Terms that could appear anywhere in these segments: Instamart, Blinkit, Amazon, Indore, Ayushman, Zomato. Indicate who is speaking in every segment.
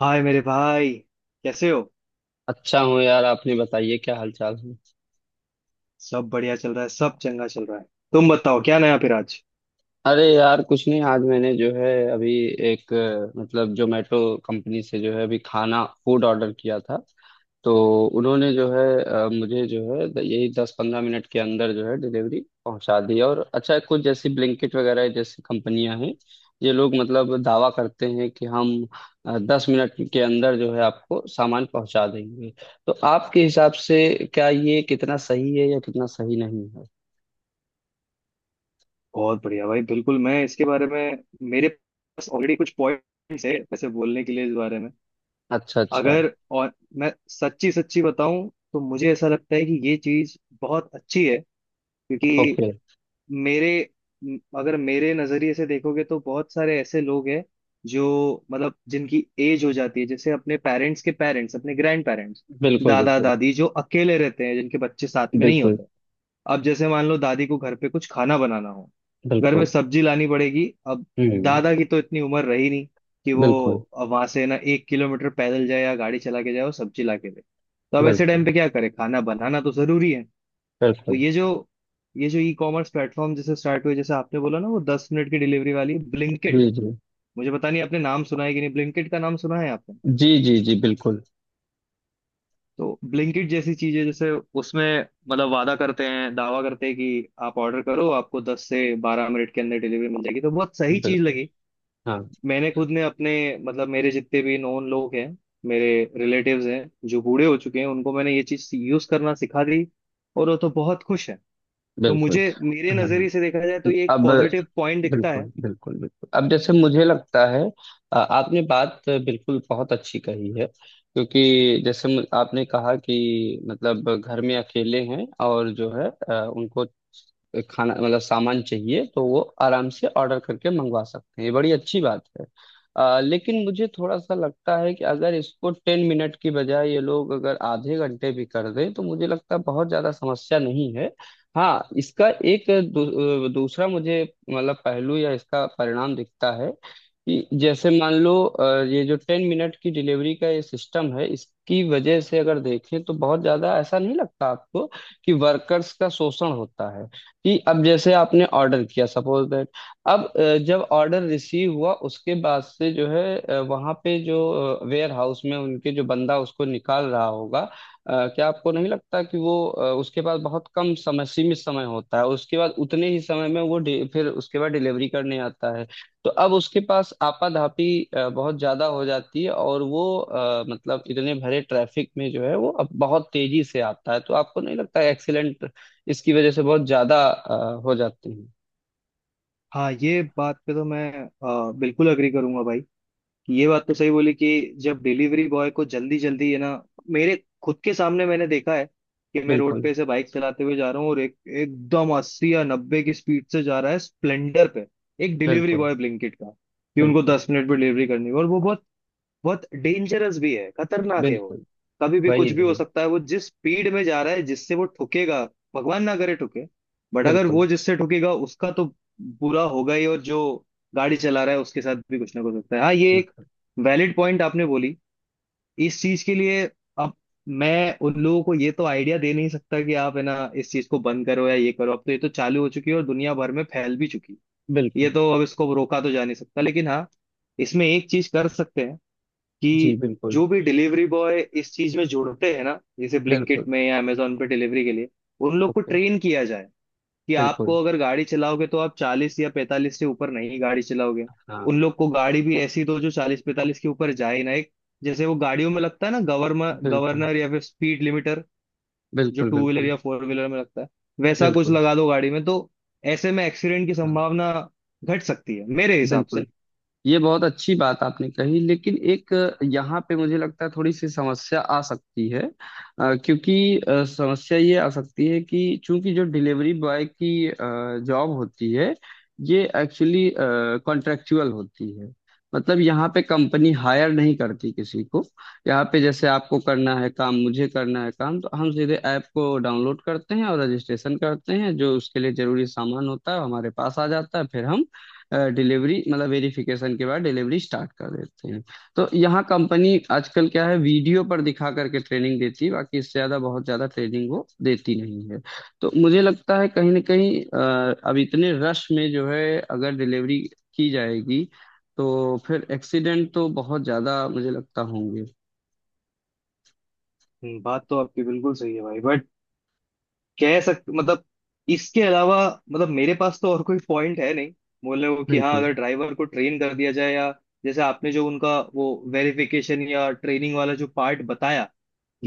Speaker 1: हाय मेरे भाई। कैसे हो?
Speaker 2: अच्छा हूँ यार। आपने बताइए, क्या हाल चाल है?
Speaker 1: सब बढ़िया चल रहा है, सब चंगा चल रहा है। तुम बताओ क्या नया फिर आज?
Speaker 2: अरे यार, कुछ नहीं, आज मैंने जो है अभी एक मतलब जोमेटो कंपनी से जो है अभी खाना फूड ऑर्डर किया था। तो उन्होंने जो है मुझे जो है यही 10-15 मिनट के अंदर जो है डिलीवरी पहुंचा दी। और अच्छा, कुछ जैसी ब्लिंकिट वगैरह जैसी कंपनियां हैं, ये लोग मतलब दावा करते हैं कि हम 10 मिनट के अंदर जो है आपको सामान पहुंचा देंगे। तो आपके हिसाब से क्या ये कितना सही है या कितना सही नहीं?
Speaker 1: बहुत बढ़िया भाई, बिल्कुल। मैं इसके बारे में, मेरे पास ऑलरेडी कुछ पॉइंट्स है ऐसे बोलने के लिए इस बारे में।
Speaker 2: अच्छा अच्छा।
Speaker 1: अगर और मैं सच्ची सच्ची बताऊं तो मुझे ऐसा लगता है कि ये चीज बहुत अच्छी है, क्योंकि
Speaker 2: ओके।
Speaker 1: मेरे अगर मेरे नजरिए से देखोगे तो बहुत सारे ऐसे लोग हैं जो मतलब जिनकी एज हो जाती है, जैसे अपने पेरेंट्स के पेरेंट्स, अपने ग्रैंड पेरेंट्स,
Speaker 2: बिल्कुल
Speaker 1: दादा
Speaker 2: बिल्कुल
Speaker 1: दादी जो अकेले रहते हैं, जिनके बच्चे साथ में नहीं
Speaker 2: बिल्कुल
Speaker 1: होते। अब जैसे मान लो दादी को घर पे कुछ खाना बनाना हो, घर में
Speaker 2: बिल्कुल।
Speaker 1: सब्जी लानी पड़ेगी। अब
Speaker 2: हम्म।
Speaker 1: दादा की तो इतनी उम्र रही नहीं कि वो
Speaker 2: बिल्कुल
Speaker 1: वहां से ना 1 किलोमीटर पैदल जाए या गाड़ी चला के जाए और सब्जी ला के दे। तो अब ऐसे टाइम
Speaker 2: बिल्कुल
Speaker 1: पे क्या करे, खाना बनाना तो जरूरी है। तो
Speaker 2: बिल्कुल।
Speaker 1: ये जो ई कॉमर्स प्लेटफॉर्म जैसे स्टार्ट हुए, जैसे आपने बोला ना, वो 10 मिनट की डिलीवरी वाली ब्लिंकिट।
Speaker 2: जी जी।
Speaker 1: मुझे पता नहीं आपने नाम सुना है कि नहीं, ब्लिंकिट का नाम सुना है आपने?
Speaker 2: जी जी जी, बिल्कुल।
Speaker 1: तो ब्लिंकिट जैसी चीजें, जैसे उसमें मतलब वादा करते हैं, दावा करते हैं कि आप ऑर्डर करो आपको 10 से 12 मिनट के अंदर डिलीवरी मिल जाएगी, तो बहुत सही चीज
Speaker 2: बिल्कुल।
Speaker 1: लगी।
Speaker 2: हाँ।
Speaker 1: मैंने खुद ने अपने मतलब मेरे जितने भी नोन लोग हैं, मेरे रिलेटिव्स हैं जो बूढ़े हो चुके हैं, उनको मैंने ये चीज यूज करना सिखा दी, और वो तो बहुत खुश है। तो
Speaker 2: बिल्कुल।
Speaker 1: मुझे, मेरे
Speaker 2: हाँ हाँ।
Speaker 1: नजरिए से देखा जाए तो ये एक
Speaker 2: अब
Speaker 1: पॉजिटिव पॉइंट दिखता है।
Speaker 2: बिल्कुल बिल्कुल बिल्कुल, अब जैसे मुझे लगता है आपने बात बिल्कुल बहुत अच्छी कही है। क्योंकि जैसे आपने कहा कि मतलब घर में अकेले हैं और जो है उनको खाना, मतलब सामान चाहिए, तो वो आराम से ऑर्डर करके मंगवा सकते हैं, ये बड़ी अच्छी बात है। लेकिन मुझे थोड़ा सा लगता है कि अगर इसको 10 मिनट की बजाय ये लोग अगर आधे घंटे भी कर दें तो मुझे लगता है बहुत ज्यादा समस्या नहीं है। हाँ, इसका एक दूसरा मुझे मतलब पहलू या इसका परिणाम दिखता है कि जैसे मान लो ये जो 10 मिनट की डिलीवरी का ये सिस्टम है, इसकी वजह से अगर देखें तो बहुत ज्यादा ऐसा नहीं लगता आपको कि वर्कर्स का शोषण होता है? कि अब जैसे आपने ऑर्डर किया सपोज दैट, अब जब ऑर्डर रिसीव हुआ उसके बाद से जो है वहां पे जो वेयर हाउस में उनके जो बंदा उसको निकाल रहा होगा, क्या आपको नहीं लगता कि वो उसके पास बहुत कम समय, सीमित समय होता है? उसके बाद उतने ही समय में वो फिर उसके बाद डिलीवरी करने आता है। तो अब उसके पास आपाधापी बहुत ज्यादा हो जाती है, और वो मतलब इतने भरे ट्रैफिक में जो है वो अब बहुत तेजी से आता है, तो आपको नहीं लगता एक्सीडेंट इसकी वजह से बहुत ज्यादा हो जाती है?
Speaker 1: हाँ, ये बात पे तो मैं बिल्कुल अग्री करूंगा भाई, कि ये बात तो सही बोली। कि जब डिलीवरी बॉय को जल्दी जल्दी है ना, मेरे खुद के सामने मैंने देखा है कि मैं रोड
Speaker 2: बिल्कुल
Speaker 1: पे से बाइक चलाते हुए जा रहा हूँ और एक एकदम 80 या 90 की स्पीड से जा रहा है स्प्लेंडर पे एक डिलीवरी
Speaker 2: बिल्कुल
Speaker 1: बॉय ब्लिंकिट का, कि उनको
Speaker 2: बिल्कुल
Speaker 1: 10 मिनट में डिलीवरी करनी है। और वो बहुत बहुत डेंजरस भी है, खतरनाक है वो।
Speaker 2: बिल्कुल।
Speaker 1: कभी भी कुछ
Speaker 2: वही
Speaker 1: भी हो
Speaker 2: वही।
Speaker 1: सकता है, वो जिस स्पीड में जा रहा है, जिससे वो ठुकेगा, भगवान ना करे ठुके, बट अगर
Speaker 2: बिल्कुल
Speaker 1: वो जिससे ठुकेगा उसका तो बुरा होगा ही, और जो गाड़ी चला रहा है उसके साथ भी कुछ ना कुछ होता है। हाँ, ये एक
Speaker 2: बिल्कुल
Speaker 1: वैलिड पॉइंट आपने बोली इस चीज के लिए। अब मैं उन लोगों को ये तो आइडिया दे नहीं सकता कि आप है ना इस चीज को बंद करो या ये करो, अब तो ये तो चालू हो चुकी है और दुनिया भर में फैल भी चुकी है। ये
Speaker 2: बिल्कुल।
Speaker 1: तो अब इसको रोका तो जा नहीं सकता, लेकिन हाँ, इसमें एक चीज कर सकते हैं,
Speaker 2: जी
Speaker 1: कि
Speaker 2: बिल्कुल
Speaker 1: जो भी डिलीवरी बॉय इस चीज में जुड़ते हैं ना, जैसे ब्लिंकिट
Speaker 2: बिल्कुल।
Speaker 1: में या अमेजोन पे डिलीवरी के लिए, उन लोग को
Speaker 2: ओके।
Speaker 1: ट्रेन किया जाए कि आपको,
Speaker 2: बिल्कुल।
Speaker 1: अगर गाड़ी चलाओगे तो आप 40 या 45 से ऊपर नहीं गाड़ी चलाओगे। उन
Speaker 2: हाँ।
Speaker 1: लोग को गाड़ी भी ऐसी दो जो 40 45 के ऊपर जाए ही ना। एक जैसे वो गाड़ियों में लगता है ना गवर्नर
Speaker 2: बिल्कुल
Speaker 1: गवर्नर या फिर स्पीड लिमिटर, जो
Speaker 2: बिल्कुल
Speaker 1: टू व्हीलर
Speaker 2: बिल्कुल
Speaker 1: या फोर व्हीलर में लगता है, वैसा कुछ
Speaker 2: बिल्कुल।
Speaker 1: लगा दो गाड़ी में, तो ऐसे में एक्सीडेंट की
Speaker 2: हाँ।
Speaker 1: संभावना घट सकती है मेरे हिसाब से।
Speaker 2: बिल्कुल। ये बहुत अच्छी बात आपने कही, लेकिन एक यहाँ पे मुझे लगता है थोड़ी सी समस्या आ सकती है। क्योंकि समस्या ये आ सकती है कि चूंकि जो डिलीवरी बॉय की जॉब होती है ये एक्चुअली कॉन्ट्रेक्चुअल होती है। मतलब यहाँ पे कंपनी हायर नहीं करती किसी को। यहाँ पे जैसे आपको करना है काम, मुझे करना है काम, तो हम सीधे ऐप को डाउनलोड करते हैं और रजिस्ट्रेशन करते हैं। जो उसके लिए जरूरी सामान होता है वो हमारे पास आ जाता है, फिर हम डिलीवरी, मतलब वेरिफिकेशन के बाद डिलीवरी स्टार्ट कर देते हैं। तो यहाँ कंपनी आजकल क्या है, वीडियो पर दिखा करके ट्रेनिंग देती है, बाकी इससे ज्यादा बहुत ज्यादा ट्रेनिंग वो देती नहीं है। तो मुझे लगता है कहीं ना कहीं अब इतने रश में जो है अगर डिलीवरी की जाएगी, तो फिर एक्सीडेंट तो बहुत ज्यादा मुझे लगता होंगे।
Speaker 1: बात तो आपकी बिल्कुल सही है भाई। बट कह सक मतलब इसके अलावा मतलब मेरे पास तो और कोई पॉइंट है नहीं बोलने को कि हाँ
Speaker 2: बिल्कुल।
Speaker 1: अगर ड्राइवर को ट्रेन कर दिया जाए, या जैसे आपने जो उनका वो वेरिफिकेशन या ट्रेनिंग वाला जो पार्ट बताया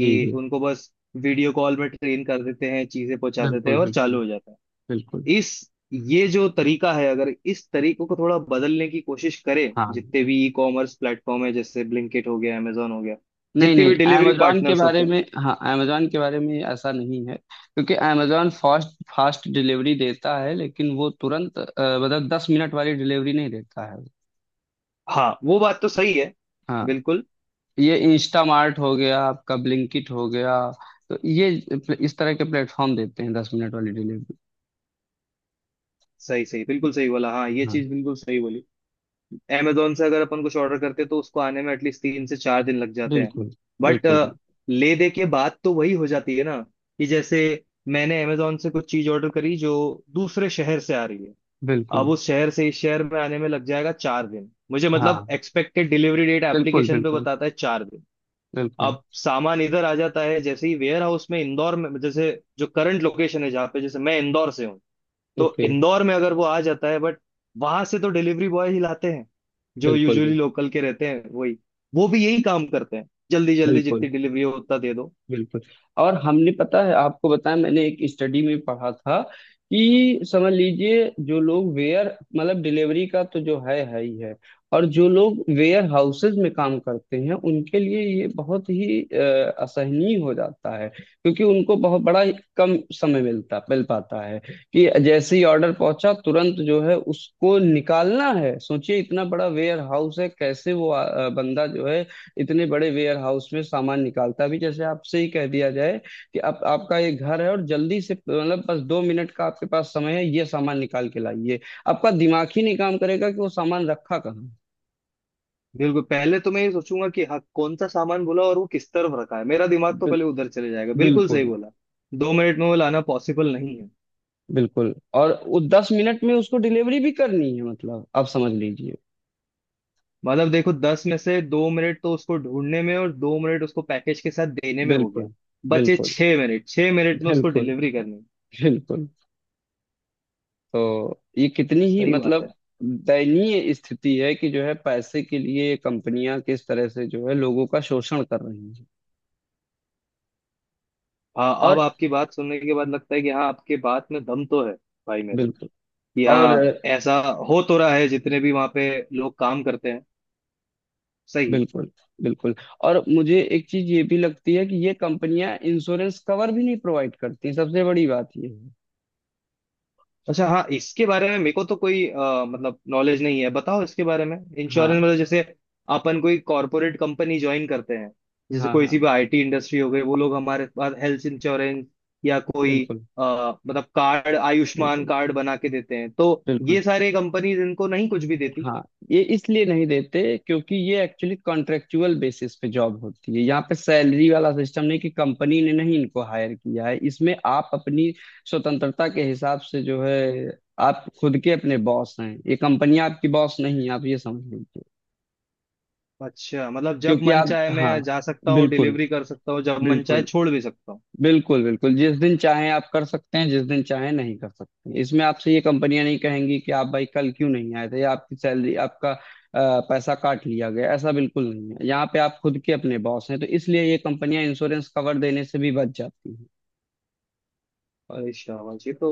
Speaker 2: जी जी।
Speaker 1: उनको बस वीडियो कॉल में ट्रेन कर देते हैं, चीजें पहुंचा देते हैं
Speaker 2: बिल्कुल
Speaker 1: और चालू
Speaker 2: बिल्कुल
Speaker 1: हो जाता
Speaker 2: बिल्कुल।
Speaker 1: है। इस ये जो तरीका है, अगर इस तरीकों को थोड़ा बदलने की कोशिश करें।
Speaker 2: हाँ।
Speaker 1: जितने भी ई कॉमर्स प्लेटफॉर्म है जैसे ब्लिंकिट हो गया, amazon हो गया,
Speaker 2: नहीं
Speaker 1: जितने
Speaker 2: नहीं,
Speaker 1: भी डिलीवरी
Speaker 2: amazon के
Speaker 1: पार्टनर्स
Speaker 2: बारे
Speaker 1: होते हैं।
Speaker 2: में, हाँ amazon के बारे में ऐसा नहीं है, क्योंकि amazon फास्ट फास्ट डिलीवरी देता है, लेकिन वो तुरंत मतलब 10 मिनट वाली डिलीवरी नहीं देता है।
Speaker 1: हाँ वो बात तो सही है,
Speaker 2: हाँ।
Speaker 1: बिल्कुल।
Speaker 2: ये इंस्टामार्ट हो गया, आपका ब्लिंकिट हो गया, तो ये इस तरह के प्लेटफॉर्म देते हैं 10 मिनट वाली डिलीवरी।
Speaker 1: सही सही, बिल्कुल सही बोला, हाँ ये
Speaker 2: हाँ।
Speaker 1: चीज बिल्कुल सही बोली। अमेजोन से अगर अपन कुछ ऑर्डर करते तो उसको आने में एटलीस्ट 3 से 4 दिन लग जाते हैं।
Speaker 2: बिल्कुल
Speaker 1: बट
Speaker 2: बिल्कुल बिल्कुल
Speaker 1: ले दे के बात तो वही हो जाती है ना, कि जैसे मैंने अमेजोन से कुछ चीज ऑर्डर करी जो दूसरे शहर से आ रही है, अब
Speaker 2: बिल्कुल।
Speaker 1: उस शहर से इस शहर में आने में लग जाएगा 4 दिन, मुझे मतलब
Speaker 2: हाँ।
Speaker 1: एक्सपेक्टेड डिलीवरी डेट
Speaker 2: बिल्कुल
Speaker 1: एप्लीकेशन पे
Speaker 2: बिल्कुल
Speaker 1: बताता है 4 दिन।
Speaker 2: बिल्कुल।
Speaker 1: अब सामान इधर आ जाता है, जैसे ही वेयर हाउस में इंदौर में, जैसे जो करंट लोकेशन है जहाँ पे, जैसे मैं इंदौर से हूँ, तो
Speaker 2: ओके।
Speaker 1: इंदौर में अगर वो आ जाता है, बट वहां से तो डिलीवरी बॉय ही लाते हैं, जो
Speaker 2: बिल्कुल
Speaker 1: यूजुअली
Speaker 2: बिल्कुल
Speaker 1: लोकल के रहते हैं वही, वो भी यही काम करते हैं, जल्दी जल्दी
Speaker 2: बिल्कुल।
Speaker 1: जितनी डिलीवरी हो उतना दे दो।
Speaker 2: बिल्कुल। और हमने पता है आपको बताया, मैंने एक स्टडी में पढ़ा था कि समझ लीजिए, जो लोग वेयर, मतलब डिलीवरी का तो जो है ही है, और जो लोग वेयर हाउसेज में काम करते हैं उनके लिए ये बहुत ही असहनीय हो जाता है। क्योंकि उनको बहुत बड़ा ही कम समय मिल पाता है कि जैसे ही ऑर्डर पहुंचा तुरंत जो है उसको निकालना है। सोचिए, इतना बड़ा वेयर हाउस है, कैसे वो बंदा जो है इतने बड़े वेयर हाउस में सामान निकालता? भी जैसे आपसे ही कह दिया जाए कि आप, आपका ये घर है, और जल्दी से, मतलब बस 2 मिनट का आपके पास समय है, ये सामान निकाल के लाइए, आपका दिमाग ही नहीं काम करेगा कि वो सामान रखा कहाँ।
Speaker 1: बिल्कुल, पहले तो मैं ये सोचूंगा कि हाँ कौन सा सामान बोला और वो किस तरफ रखा है, मेरा दिमाग तो
Speaker 2: बिल-
Speaker 1: पहले उधर चले जाएगा, बिल्कुल सही
Speaker 2: बिल्कुल
Speaker 1: बोला। 2 मिनट में वो लाना पॉसिबल नहीं है।
Speaker 2: बिल्कुल। और वो 10 मिनट में उसको डिलीवरी भी करनी है, मतलब आप समझ लीजिए।
Speaker 1: मतलब देखो 10 में से 2 मिनट तो उसको ढूंढने में, और 2 मिनट उसको पैकेज के साथ देने में हो गया।
Speaker 2: बिल्कुल
Speaker 1: बचे
Speaker 2: बिल्कुल
Speaker 1: 6 मिनट, 6 मिनट में उसको
Speaker 2: बिल्कुल
Speaker 1: डिलीवरी करनी।
Speaker 2: बिल्कुल। तो ये कितनी ही
Speaker 1: सही बात
Speaker 2: मतलब
Speaker 1: है।
Speaker 2: दयनीय स्थिति है कि जो है पैसे के लिए ये कंपनियां किस तरह से जो है लोगों का शोषण कर रही हैं।
Speaker 1: हाँ, अब
Speaker 2: और
Speaker 1: आपकी बात सुनने के बाद लगता है कि हाँ, आपके बात में दम तो है भाई मेरे,
Speaker 2: बिल्कुल।
Speaker 1: कि
Speaker 2: और
Speaker 1: हाँ ऐसा हो तो रहा है जितने भी वहाँ पे लोग काम करते हैं। सही है।
Speaker 2: बिल्कुल बिल्कुल। और मुझे एक चीज ये भी लगती है कि ये कंपनियां इंश्योरेंस कवर भी नहीं प्रोवाइड करती, सबसे बड़ी बात ये है।
Speaker 1: अच्छा, हाँ, इसके बारे में मेरे को तो कोई मतलब नॉलेज नहीं है, बताओ इसके बारे में। इंश्योरेंस
Speaker 2: हाँ
Speaker 1: मतलब जैसे अपन कोई कॉरपोरेट कंपनी ज्वाइन करते हैं, जैसे
Speaker 2: हाँ
Speaker 1: कोई
Speaker 2: हाँ
Speaker 1: सी भी आईटी इंडस्ट्री हो गई, वो लोग हमारे पास हेल्थ इंश्योरेंस या कोई,
Speaker 2: बिल्कुल
Speaker 1: अ, मतलब कार्ड, आयुष्मान
Speaker 2: बिल्कुल
Speaker 1: कार्ड बना के देते हैं, तो
Speaker 2: बिल्कुल।
Speaker 1: ये सारे कंपनीज इनको नहीं कुछ भी देती।
Speaker 2: हाँ, ये इसलिए नहीं देते क्योंकि ये एक्चुअली कॉन्ट्रेक्चुअल बेसिस पे जॉब होती है, यहाँ पे सैलरी वाला सिस्टम नहीं कि कंपनी ने नहीं इनको हायर किया है। इसमें आप अपनी स्वतंत्रता के हिसाब से जो है आप खुद के अपने बॉस हैं, ये कंपनी आपकी बॉस नहीं है, आप ये समझ लीजिए।
Speaker 1: अच्छा, मतलब जब
Speaker 2: क्योंकि
Speaker 1: मन
Speaker 2: आप,
Speaker 1: चाहे
Speaker 2: हाँ,
Speaker 1: मैं जा सकता हूँ
Speaker 2: बिल्कुल
Speaker 1: डिलीवरी कर सकता हूँ, जब मन चाहे
Speaker 2: बिल्कुल
Speaker 1: छोड़ भी सकता हूँ।
Speaker 2: बिल्कुल बिल्कुल। जिस दिन चाहें आप कर सकते हैं, जिस दिन चाहें नहीं कर सकते हैं, इसमें आपसे ये कंपनियां नहीं कहेंगी कि आप भाई कल क्यों नहीं आए थे, या आपकी सैलरी, आपका पैसा काट लिया गया, ऐसा बिल्कुल नहीं है। यहाँ पे आप खुद के अपने बॉस हैं, तो इसलिए ये कंपनियां इंश्योरेंस कवर देने से भी बच जाती हैं।
Speaker 1: अरे शाबाश, ये तो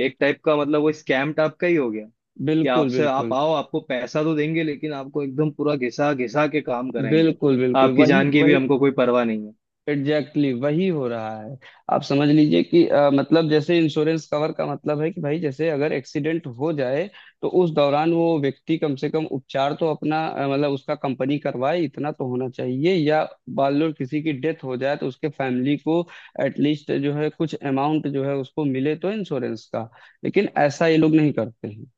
Speaker 1: एक टाइप का मतलब वो स्कैम टाइप का ही हो गया, कि
Speaker 2: बिल्कुल
Speaker 1: आपसे, आप
Speaker 2: बिल्कुल
Speaker 1: आओ, आपको पैसा तो देंगे लेकिन आपको एकदम पूरा घिसा घिसा के काम कराएंगे।
Speaker 2: बिल्कुल बिल्कुल।
Speaker 1: आपकी
Speaker 2: वही
Speaker 1: जान की भी
Speaker 2: वही।
Speaker 1: हमको कोई परवाह नहीं है।
Speaker 2: एग्जैक्टली Exactly, वही हो रहा है। आप समझ लीजिए कि मतलब जैसे इंश्योरेंस कवर का मतलब है कि भाई, जैसे अगर एक्सीडेंट हो जाए तो उस दौरान वो व्यक्ति कम से कम उपचार तो अपना मतलब उसका कंपनी करवाए, इतना तो होना चाहिए। या मान लो किसी की डेथ हो जाए तो उसके फैमिली को एटलीस्ट जो है कुछ अमाउंट जो है उसको मिले तो इंश्योरेंस का। लेकिन ऐसा ये लोग नहीं करते हैं।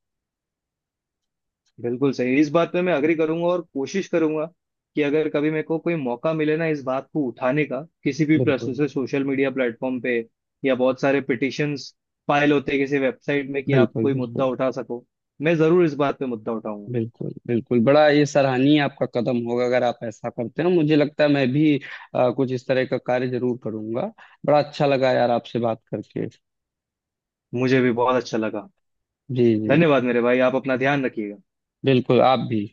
Speaker 1: बिल्कुल सही, इस बात पे मैं अग्री करूंगा और कोशिश करूंगा कि अगर कभी मेरे को कोई मौका मिले ना इस बात को उठाने का, किसी भी प्लस
Speaker 2: बिल्कुल
Speaker 1: से सोशल मीडिया प्लेटफॉर्म पे या बहुत सारे पिटिशंस फाइल होते हैं किसी वेबसाइट में कि आप
Speaker 2: बिल्कुल
Speaker 1: कोई मुद्दा
Speaker 2: बिल्कुल
Speaker 1: उठा सको, मैं जरूर इस बात पे मुद्दा उठाऊंगा।
Speaker 2: बिल्कुल बिल्कुल। बड़ा ये सराहनीय आपका कदम होगा अगर आप ऐसा करते हो, मुझे लगता है मैं भी कुछ इस तरह का कार्य जरूर करूंगा। बड़ा अच्छा लगा यार, आपसे बात करके।
Speaker 1: मुझे भी बहुत अच्छा लगा।
Speaker 2: जी जी।
Speaker 1: धन्यवाद मेरे भाई, आप अपना ध्यान रखिएगा।
Speaker 2: बिल्कुल, आप भी।